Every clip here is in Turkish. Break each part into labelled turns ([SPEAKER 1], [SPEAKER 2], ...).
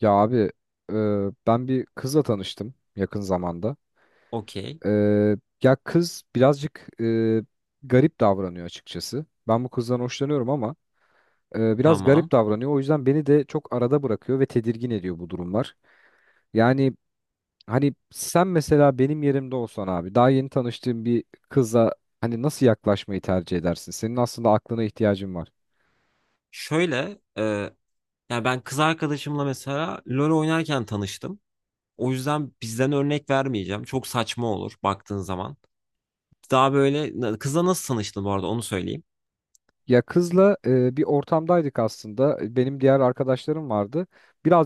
[SPEAKER 1] Ya abi, e, ben bir kızla tanıştım yakın zamanda.
[SPEAKER 2] Okey.
[SPEAKER 1] E, Ya kız birazcık garip davranıyor açıkçası. Ben bu kızdan hoşlanıyorum ama biraz
[SPEAKER 2] Tamam.
[SPEAKER 1] garip davranıyor. O yüzden beni de çok arada bırakıyor ve tedirgin ediyor bu durumlar. Yani hani sen mesela benim yerimde olsan abi daha yeni tanıştığın bir kıza hani nasıl yaklaşmayı tercih edersin? Senin aslında aklına ihtiyacın var.
[SPEAKER 2] Şöyle e, ya ben kız arkadaşımla mesela LoL oynarken tanıştım. O yüzden bizden örnek vermeyeceğim. Çok saçma olur baktığın zaman. Daha böyle kızla nasıl tanıştın bu arada onu söyleyeyim.
[SPEAKER 1] Ya kızla bir ortamdaydık aslında. Benim diğer arkadaşlarım vardı.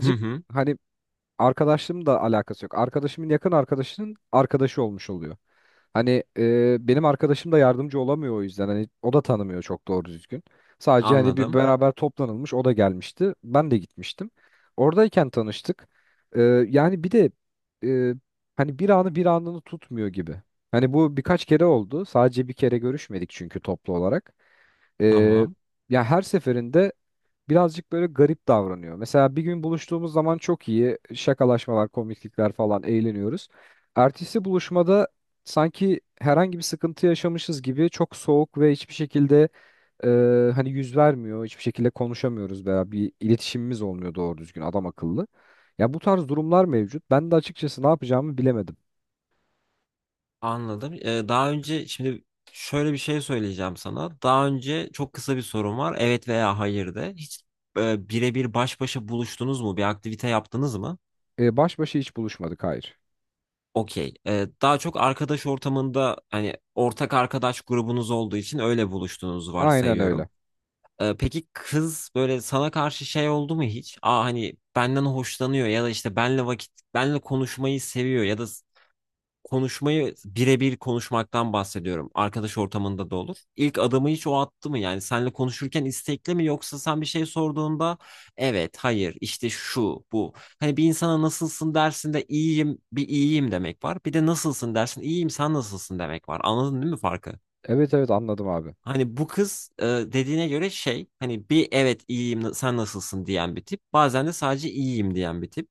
[SPEAKER 2] Hı hı.
[SPEAKER 1] hani arkadaşlığımla da alakası yok. Arkadaşımın yakın arkadaşının arkadaşı olmuş oluyor. Hani benim arkadaşım da yardımcı olamıyor o yüzden. Hani o da tanımıyor çok doğru düzgün. Sadece hani bir
[SPEAKER 2] Anladım.
[SPEAKER 1] beraber toplanılmış o da gelmişti. Ben de gitmiştim. Oradayken tanıştık. E, Yani bir de e, hani bir anı bir anını tutmuyor gibi. Hani bu birkaç kere oldu. Sadece bir kere görüşmedik çünkü toplu olarak. E,
[SPEAKER 2] Tamam.
[SPEAKER 1] Ya her seferinde birazcık böyle garip davranıyor. Mesela bir gün buluştuğumuz zaman çok iyi şakalaşmalar, komiklikler falan eğleniyoruz. Ertesi buluşmada sanki herhangi bir sıkıntı yaşamışız gibi çok soğuk ve hiçbir şekilde hani yüz vermiyor, hiçbir şekilde konuşamıyoruz veya bir iletişimimiz olmuyor doğru düzgün adam akıllı. Ya bu tarz durumlar mevcut. Ben de açıkçası ne yapacağımı bilemedim.
[SPEAKER 2] Anladım. Daha önce şimdi şöyle bir şey söyleyeceğim sana. Daha önce çok kısa bir sorum var. Evet veya hayır de. Hiç birebir baş başa buluştunuz mu? Bir aktivite yaptınız mı?
[SPEAKER 1] Baş başa hiç buluşmadık, hayır.
[SPEAKER 2] Okey. Daha çok arkadaş ortamında hani ortak arkadaş grubunuz olduğu için öyle buluştuğunuzu
[SPEAKER 1] Aynen
[SPEAKER 2] varsayıyorum.
[SPEAKER 1] öyle.
[SPEAKER 2] Peki kız böyle sana karşı şey oldu mu hiç? Aa hani benden hoşlanıyor ya da işte benle vakit benle konuşmayı seviyor ya da konuşmayı birebir konuşmaktan bahsediyorum. Arkadaş ortamında da olur. İlk adımı hiç o attı mı? Yani senle konuşurken istekli mi yoksa sen bir şey sorduğunda evet, hayır, işte şu, bu. Hani bir insana nasılsın dersin de iyiyim, bir iyiyim demek var. Bir de nasılsın dersin, iyiyim, sen nasılsın demek var. Anladın değil mi farkı?
[SPEAKER 1] Evet evet anladım abi.
[SPEAKER 2] Hani bu kız dediğine göre şey hani bir evet iyiyim sen nasılsın diyen bir tip. Bazen de sadece iyiyim diyen bir tip.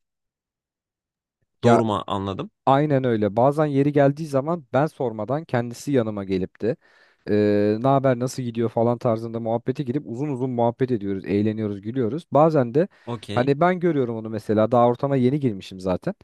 [SPEAKER 1] Ya,
[SPEAKER 2] Doğru mu anladım?
[SPEAKER 1] aynen öyle. Bazen yeri geldiği zaman ben sormadan kendisi yanıma gelip de ne haber nasıl gidiyor falan tarzında muhabbete girip uzun uzun muhabbet ediyoruz, eğleniyoruz, gülüyoruz. Bazen de
[SPEAKER 2] Okey.
[SPEAKER 1] hani ben görüyorum onu mesela daha ortama yeni girmişim zaten.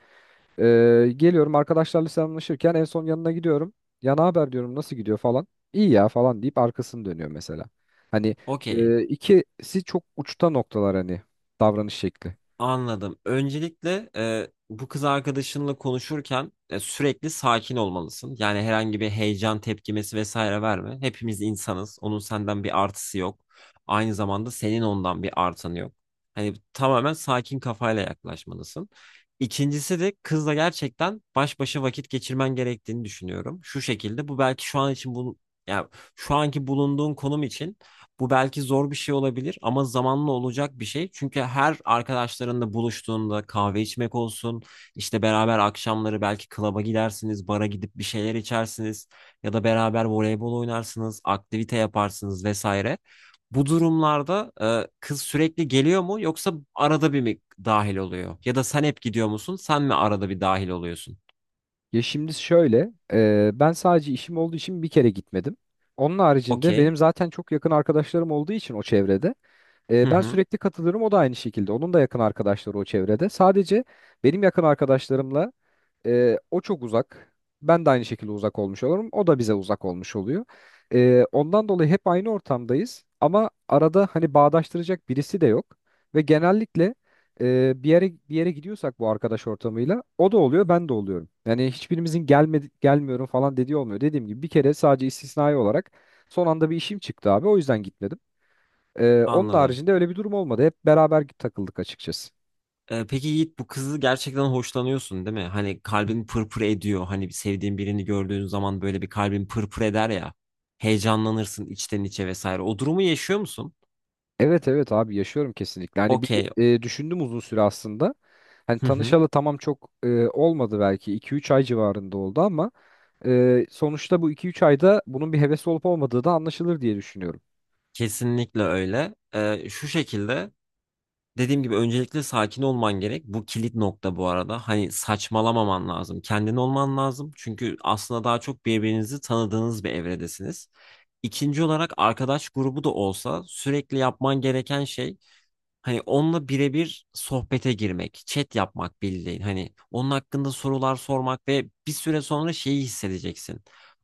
[SPEAKER 1] Geliyorum arkadaşlarla selamlaşırken en son yanına gidiyorum. Ya ne haber diyorum nasıl gidiyor falan. İyi ya falan deyip arkasını dönüyor mesela. Hani
[SPEAKER 2] Okey.
[SPEAKER 1] ikisi çok uçta noktalar hani davranış şekli.
[SPEAKER 2] Anladım. Öncelikle bu kız arkadaşınla konuşurken sürekli sakin olmalısın. Yani herhangi bir heyecan tepkimesi vesaire verme. Hepimiz insanız. Onun senden bir artısı yok. Aynı zamanda senin ondan bir artanı yok. Hani tamamen sakin kafayla yaklaşmalısın. İkincisi de kızla gerçekten baş başa vakit geçirmen gerektiğini düşünüyorum. Şu şekilde bu belki şu an için bunu yani şu anki bulunduğun konum için bu belki zor bir şey olabilir ama zamanla olacak bir şey. Çünkü her arkadaşlarınla buluştuğunda kahve içmek olsun, işte beraber akşamları belki klaba gidersiniz, bara gidip bir şeyler içersiniz ya da beraber voleybol oynarsınız, aktivite yaparsınız vesaire. Bu durumlarda kız sürekli geliyor mu yoksa arada bir mi dahil oluyor? Ya da sen hep gidiyor musun? Sen mi arada bir dahil oluyorsun?
[SPEAKER 1] Ya şimdi şöyle, ben sadece işim olduğu için bir kere gitmedim. Onun haricinde
[SPEAKER 2] Okey.
[SPEAKER 1] benim zaten çok yakın arkadaşlarım olduğu için o çevrede,
[SPEAKER 2] Hı
[SPEAKER 1] ben
[SPEAKER 2] hı.
[SPEAKER 1] sürekli katılırım. O da aynı şekilde. Onun da yakın arkadaşları o çevrede. Sadece benim yakın arkadaşlarımla o çok uzak. Ben de aynı şekilde uzak olmuş olurum. O da bize uzak olmuş oluyor. Ondan dolayı hep aynı ortamdayız. Ama arada hani bağdaştıracak birisi de yok. Ve genellikle bir yere gidiyorsak bu arkadaş ortamıyla o da oluyor, ben de oluyorum. Yani hiçbirimizin gelmedi, gelmiyorum falan dediği olmuyor. Dediğim gibi bir kere sadece istisnai olarak son anda bir işim çıktı abi. O yüzden gitmedim. Onun
[SPEAKER 2] Anladım.
[SPEAKER 1] haricinde öyle bir durum olmadı. Hep beraber takıldık açıkçası.
[SPEAKER 2] Peki Yiğit bu kızı gerçekten hoşlanıyorsun değil mi? Hani kalbin pırpır ediyor. Hani bir sevdiğin birini gördüğün zaman böyle bir kalbin pırpır eder ya. Heyecanlanırsın içten içe vesaire. O durumu yaşıyor musun?
[SPEAKER 1] Evet evet abi yaşıyorum kesinlikle. Hani bir
[SPEAKER 2] Okey.
[SPEAKER 1] düşündüm uzun süre aslında. Hani
[SPEAKER 2] Hı hı.
[SPEAKER 1] tanışalı tamam çok olmadı belki iki üç ay civarında oldu ama sonuçta bu iki üç ayda bunun bir heves olup olmadığı da anlaşılır diye düşünüyorum.
[SPEAKER 2] Kesinlikle öyle. Şu şekilde dediğim gibi öncelikle sakin olman gerek. Bu kilit nokta bu arada. Hani saçmalamaman lazım. Kendin olman lazım. Çünkü aslında daha çok birbirinizi tanıdığınız bir evredesiniz. İkinci olarak arkadaş grubu da olsa sürekli yapman gereken şey hani onunla birebir sohbete girmek, chat yapmak bildiğin. Hani onun hakkında sorular sormak ve bir süre sonra şeyi hissedeceksin.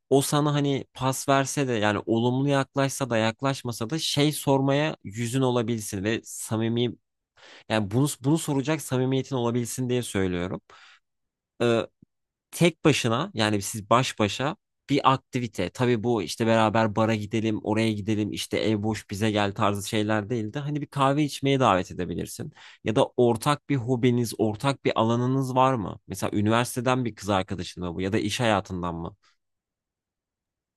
[SPEAKER 2] O sana hani pas verse de yani olumlu yaklaşsa da yaklaşmasa da şey sormaya yüzün olabilsin ve samimi yani bunu soracak samimiyetin olabilsin diye söylüyorum. Ee, Tek başına yani siz baş başa bir aktivite. Tabii bu işte beraber bara gidelim, oraya gidelim, işte ev boş bize gel tarzı şeyler değil de hani bir kahve içmeye davet edebilirsin. Ya da ortak bir hobiniz, ortak bir alanınız var mı? Mesela üniversiteden bir kız arkadaşın mı bu ya da iş hayatından mı?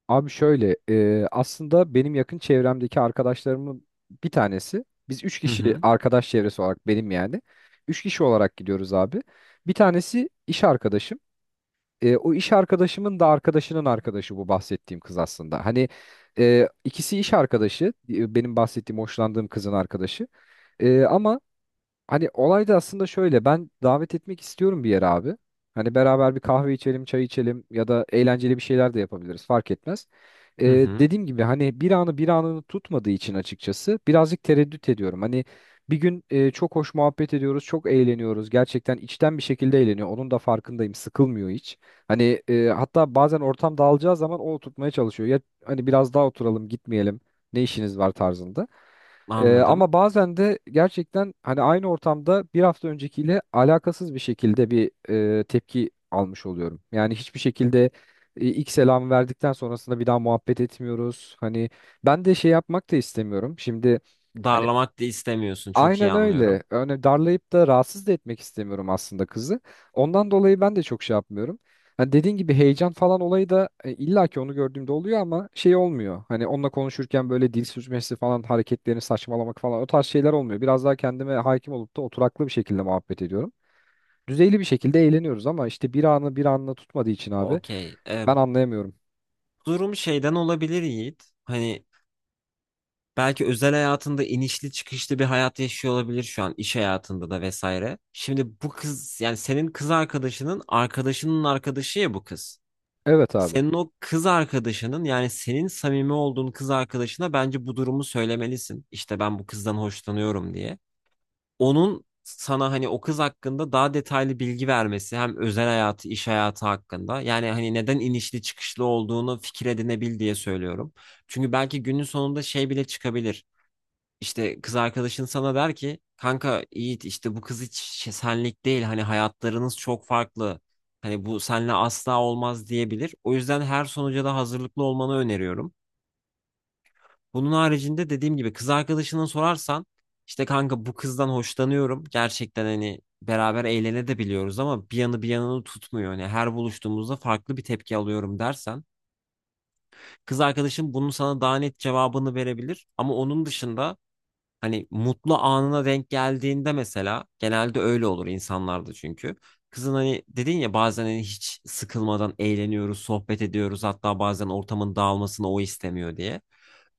[SPEAKER 1] Abi şöyle aslında benim yakın çevremdeki arkadaşlarımın bir tanesi biz 3
[SPEAKER 2] Hı
[SPEAKER 1] kişi
[SPEAKER 2] hı.
[SPEAKER 1] arkadaş çevresi olarak benim yani 3 kişi olarak gidiyoruz abi. Bir tanesi iş arkadaşım. O iş arkadaşımın da arkadaşının arkadaşı bu bahsettiğim kız aslında. Hani ikisi iş arkadaşı, benim bahsettiğim hoşlandığım kızın arkadaşı. E, ama Hani olay da aslında şöyle, ben davet etmek istiyorum bir yere abi. Hani beraber bir kahve içelim, çay içelim ya da eğlenceli bir şeyler de yapabiliriz fark etmez.
[SPEAKER 2] Hı hı.
[SPEAKER 1] Dediğim gibi hani bir anı bir anını tutmadığı için açıkçası birazcık tereddüt ediyorum. Hani bir gün çok hoş muhabbet ediyoruz, çok eğleniyoruz. Gerçekten içten bir şekilde eğleniyor. Onun da farkındayım. Sıkılmıyor hiç. Hani hatta bazen ortam dağılacağı zaman o tutmaya çalışıyor. Ya hani biraz daha oturalım, gitmeyelim. Ne işiniz var tarzında.
[SPEAKER 2] Anladım.
[SPEAKER 1] Ama bazen de gerçekten hani aynı ortamda bir hafta öncekiyle alakasız bir şekilde bir tepki almış oluyorum. Yani hiçbir şekilde ilk selamı verdikten sonrasında bir daha muhabbet etmiyoruz. Hani ben de şey yapmak da istemiyorum. Şimdi hani
[SPEAKER 2] Darlamak da istemiyorsun. Çok iyi
[SPEAKER 1] Aynen
[SPEAKER 2] anlıyorum.
[SPEAKER 1] öyle. Yani darlayıp da rahatsız da etmek istemiyorum aslında kızı. Ondan dolayı ben de çok şey yapmıyorum. Hani dediğin gibi heyecan falan olayı da illa ki onu gördüğümde oluyor ama şey olmuyor. Hani onunla konuşurken böyle dil sürçmesi falan hareketlerini saçmalamak falan o tarz şeyler olmuyor. Biraz daha kendime hakim olup da oturaklı bir şekilde muhabbet ediyorum. Düzeyli bir şekilde eğleniyoruz ama işte bir anı bir anla tutmadığı için abi
[SPEAKER 2] Okey.
[SPEAKER 1] ben anlayamıyorum.
[SPEAKER 2] Durum şeyden olabilir Yiğit. Hani belki özel hayatında inişli çıkışlı bir hayat yaşıyor olabilir şu an iş hayatında da vesaire. Şimdi bu kız yani senin kız arkadaşının arkadaşının arkadaşı ya bu kız.
[SPEAKER 1] Evet abi.
[SPEAKER 2] Senin o kız arkadaşının yani senin samimi olduğun kız arkadaşına bence bu durumu söylemelisin. İşte ben bu kızdan hoşlanıyorum diye. Onun sana hani o kız hakkında daha detaylı bilgi vermesi hem özel hayatı iş hayatı hakkında yani hani neden inişli çıkışlı olduğunu fikir edinebil diye söylüyorum. Çünkü belki günün sonunda şey bile çıkabilir. İşte kız arkadaşın sana der ki kanka Yiğit işte bu kız hiç senlik değil hani hayatlarınız çok farklı. Hani bu senle asla olmaz diyebilir. O yüzden her sonuca da hazırlıklı olmanı öneriyorum. Bunun haricinde dediğim gibi kız arkadaşına sorarsan işte kanka bu kızdan hoşlanıyorum. Gerçekten hani beraber eğlene de biliyoruz ama bir yanı bir yanını tutmuyor. Hani her buluştuğumuzda farklı bir tepki alıyorum dersen kız arkadaşın bunun sana daha net cevabını verebilir. Ama onun dışında hani mutlu anına denk geldiğinde mesela genelde öyle olur insanlarda çünkü. Kızın hani dedin ya bazen hani hiç sıkılmadan eğleniyoruz, sohbet ediyoruz. Hatta bazen ortamın dağılmasını o istemiyor diye.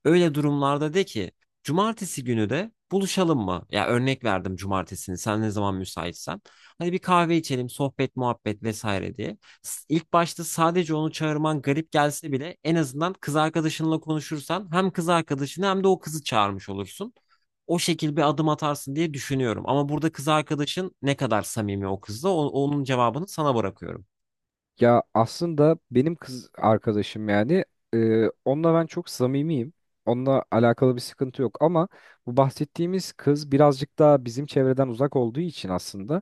[SPEAKER 2] Öyle durumlarda de ki cumartesi günü de buluşalım mı? Ya örnek verdim cumartesini sen ne zaman müsaitsen. Hani bir kahve içelim, sohbet, muhabbet vesaire diye. İlk başta sadece onu çağırman garip gelse bile en azından kız arkadaşınla konuşursan hem kız arkadaşını hem de o kızı çağırmış olursun o şekil bir adım atarsın diye düşünüyorum. Ama burada kız arkadaşın ne kadar samimi o kızla onun cevabını sana bırakıyorum.
[SPEAKER 1] Ya aslında benim kız arkadaşım yani onunla ben çok samimiyim. Onunla alakalı bir sıkıntı yok ama bu bahsettiğimiz kız birazcık daha bizim çevreden uzak olduğu için aslında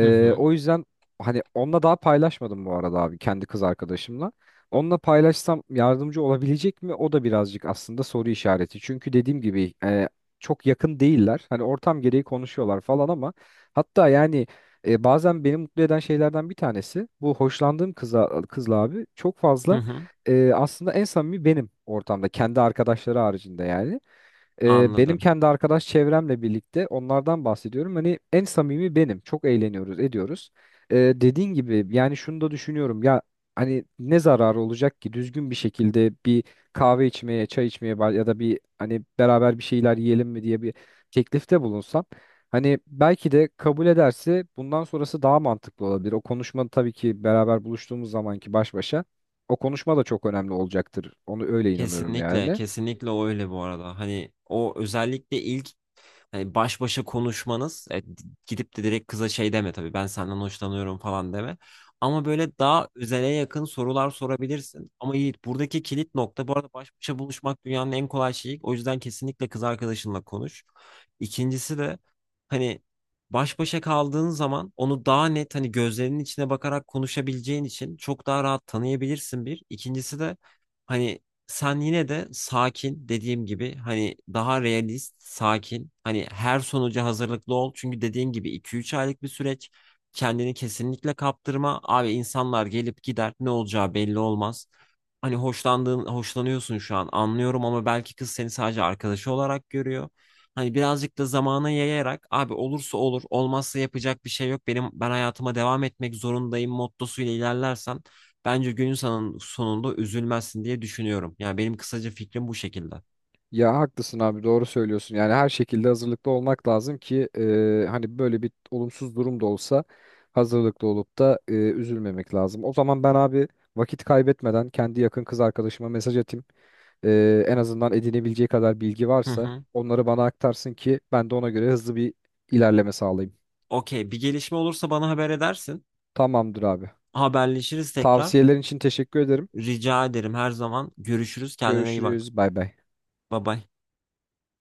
[SPEAKER 2] Hı hı.
[SPEAKER 1] o yüzden hani onunla daha paylaşmadım bu arada abi kendi kız arkadaşımla. Onunla paylaşsam yardımcı olabilecek mi? O da birazcık aslında soru işareti. Çünkü dediğim gibi çok yakın değiller. Hani ortam gereği konuşuyorlar falan ama hatta yani bazen beni mutlu eden şeylerden bir tanesi bu hoşlandığım kıza kızla abi çok
[SPEAKER 2] Hı
[SPEAKER 1] fazla
[SPEAKER 2] hı.
[SPEAKER 1] aslında en samimi benim ortamda kendi arkadaşları haricinde yani. Benim
[SPEAKER 2] Anladım.
[SPEAKER 1] kendi arkadaş çevremle birlikte onlardan bahsediyorum. Hani en samimi benim. Çok eğleniyoruz, ediyoruz. Dediğin gibi yani şunu da düşünüyorum. Ya hani ne zararı olacak ki düzgün bir şekilde bir kahve içmeye, çay içmeye ya da bir hani beraber bir şeyler yiyelim mi diye bir teklifte bulunsam. Hani belki de kabul ederse bundan sonrası daha mantıklı olabilir. O konuşma tabii ki beraber buluştuğumuz zamanki baş başa o konuşma da çok önemli olacaktır. Onu öyle inanıyorum
[SPEAKER 2] Kesinlikle,
[SPEAKER 1] yani.
[SPEAKER 2] kesinlikle öyle bu arada. Hani o özellikle ilk hani baş başa konuşmanız, gidip de direkt kıza şey deme tabii ben senden hoşlanıyorum falan deme. Ama böyle daha özele yakın sorular sorabilirsin. Ama Yiğit buradaki kilit nokta bu arada baş başa buluşmak dünyanın en kolay şeyi. O yüzden kesinlikle kız arkadaşınla konuş. İkincisi de hani baş başa kaldığın zaman onu daha net hani gözlerinin içine bakarak konuşabileceğin için çok daha rahat tanıyabilirsin bir. İkincisi de hani sen yine de sakin dediğim gibi hani daha realist, sakin. Hani her sonuca hazırlıklı ol. Çünkü dediğim gibi iki üç aylık bir süreç. Kendini kesinlikle kaptırma. Abi insanlar gelip gider. Ne olacağı belli olmaz. Hani hoşlandığın, hoşlanıyorsun şu an anlıyorum ama belki kız seni sadece arkadaşı olarak görüyor. Hani birazcık da zamana yayarak abi olursa olur, olmazsa yapacak bir şey yok. Benim ben hayatıma devam etmek zorundayım mottosuyla ilerlersen bence günün sonunda üzülmezsin diye düşünüyorum. Yani benim kısaca fikrim bu şekilde.
[SPEAKER 1] Ya haklısın abi, doğru söylüyorsun. Yani her şekilde hazırlıklı olmak lazım ki hani böyle bir olumsuz durum da olsa hazırlıklı olup da üzülmemek lazım. O zaman ben abi vakit kaybetmeden kendi yakın kız arkadaşıma mesaj atayım. En azından edinebileceği kadar bilgi
[SPEAKER 2] Hı
[SPEAKER 1] varsa
[SPEAKER 2] hı.
[SPEAKER 1] onları bana aktarsın ki ben de ona göre hızlı bir ilerleme sağlayayım.
[SPEAKER 2] Okey, bir gelişme olursa bana haber edersin.
[SPEAKER 1] Tamamdır abi.
[SPEAKER 2] Haberleşiriz tekrar.
[SPEAKER 1] Tavsiyelerin için teşekkür ederim.
[SPEAKER 2] Rica ederim her zaman. Görüşürüz. Kendine iyi bak.
[SPEAKER 1] Görüşürüz. Bay bay.
[SPEAKER 2] Bye bye.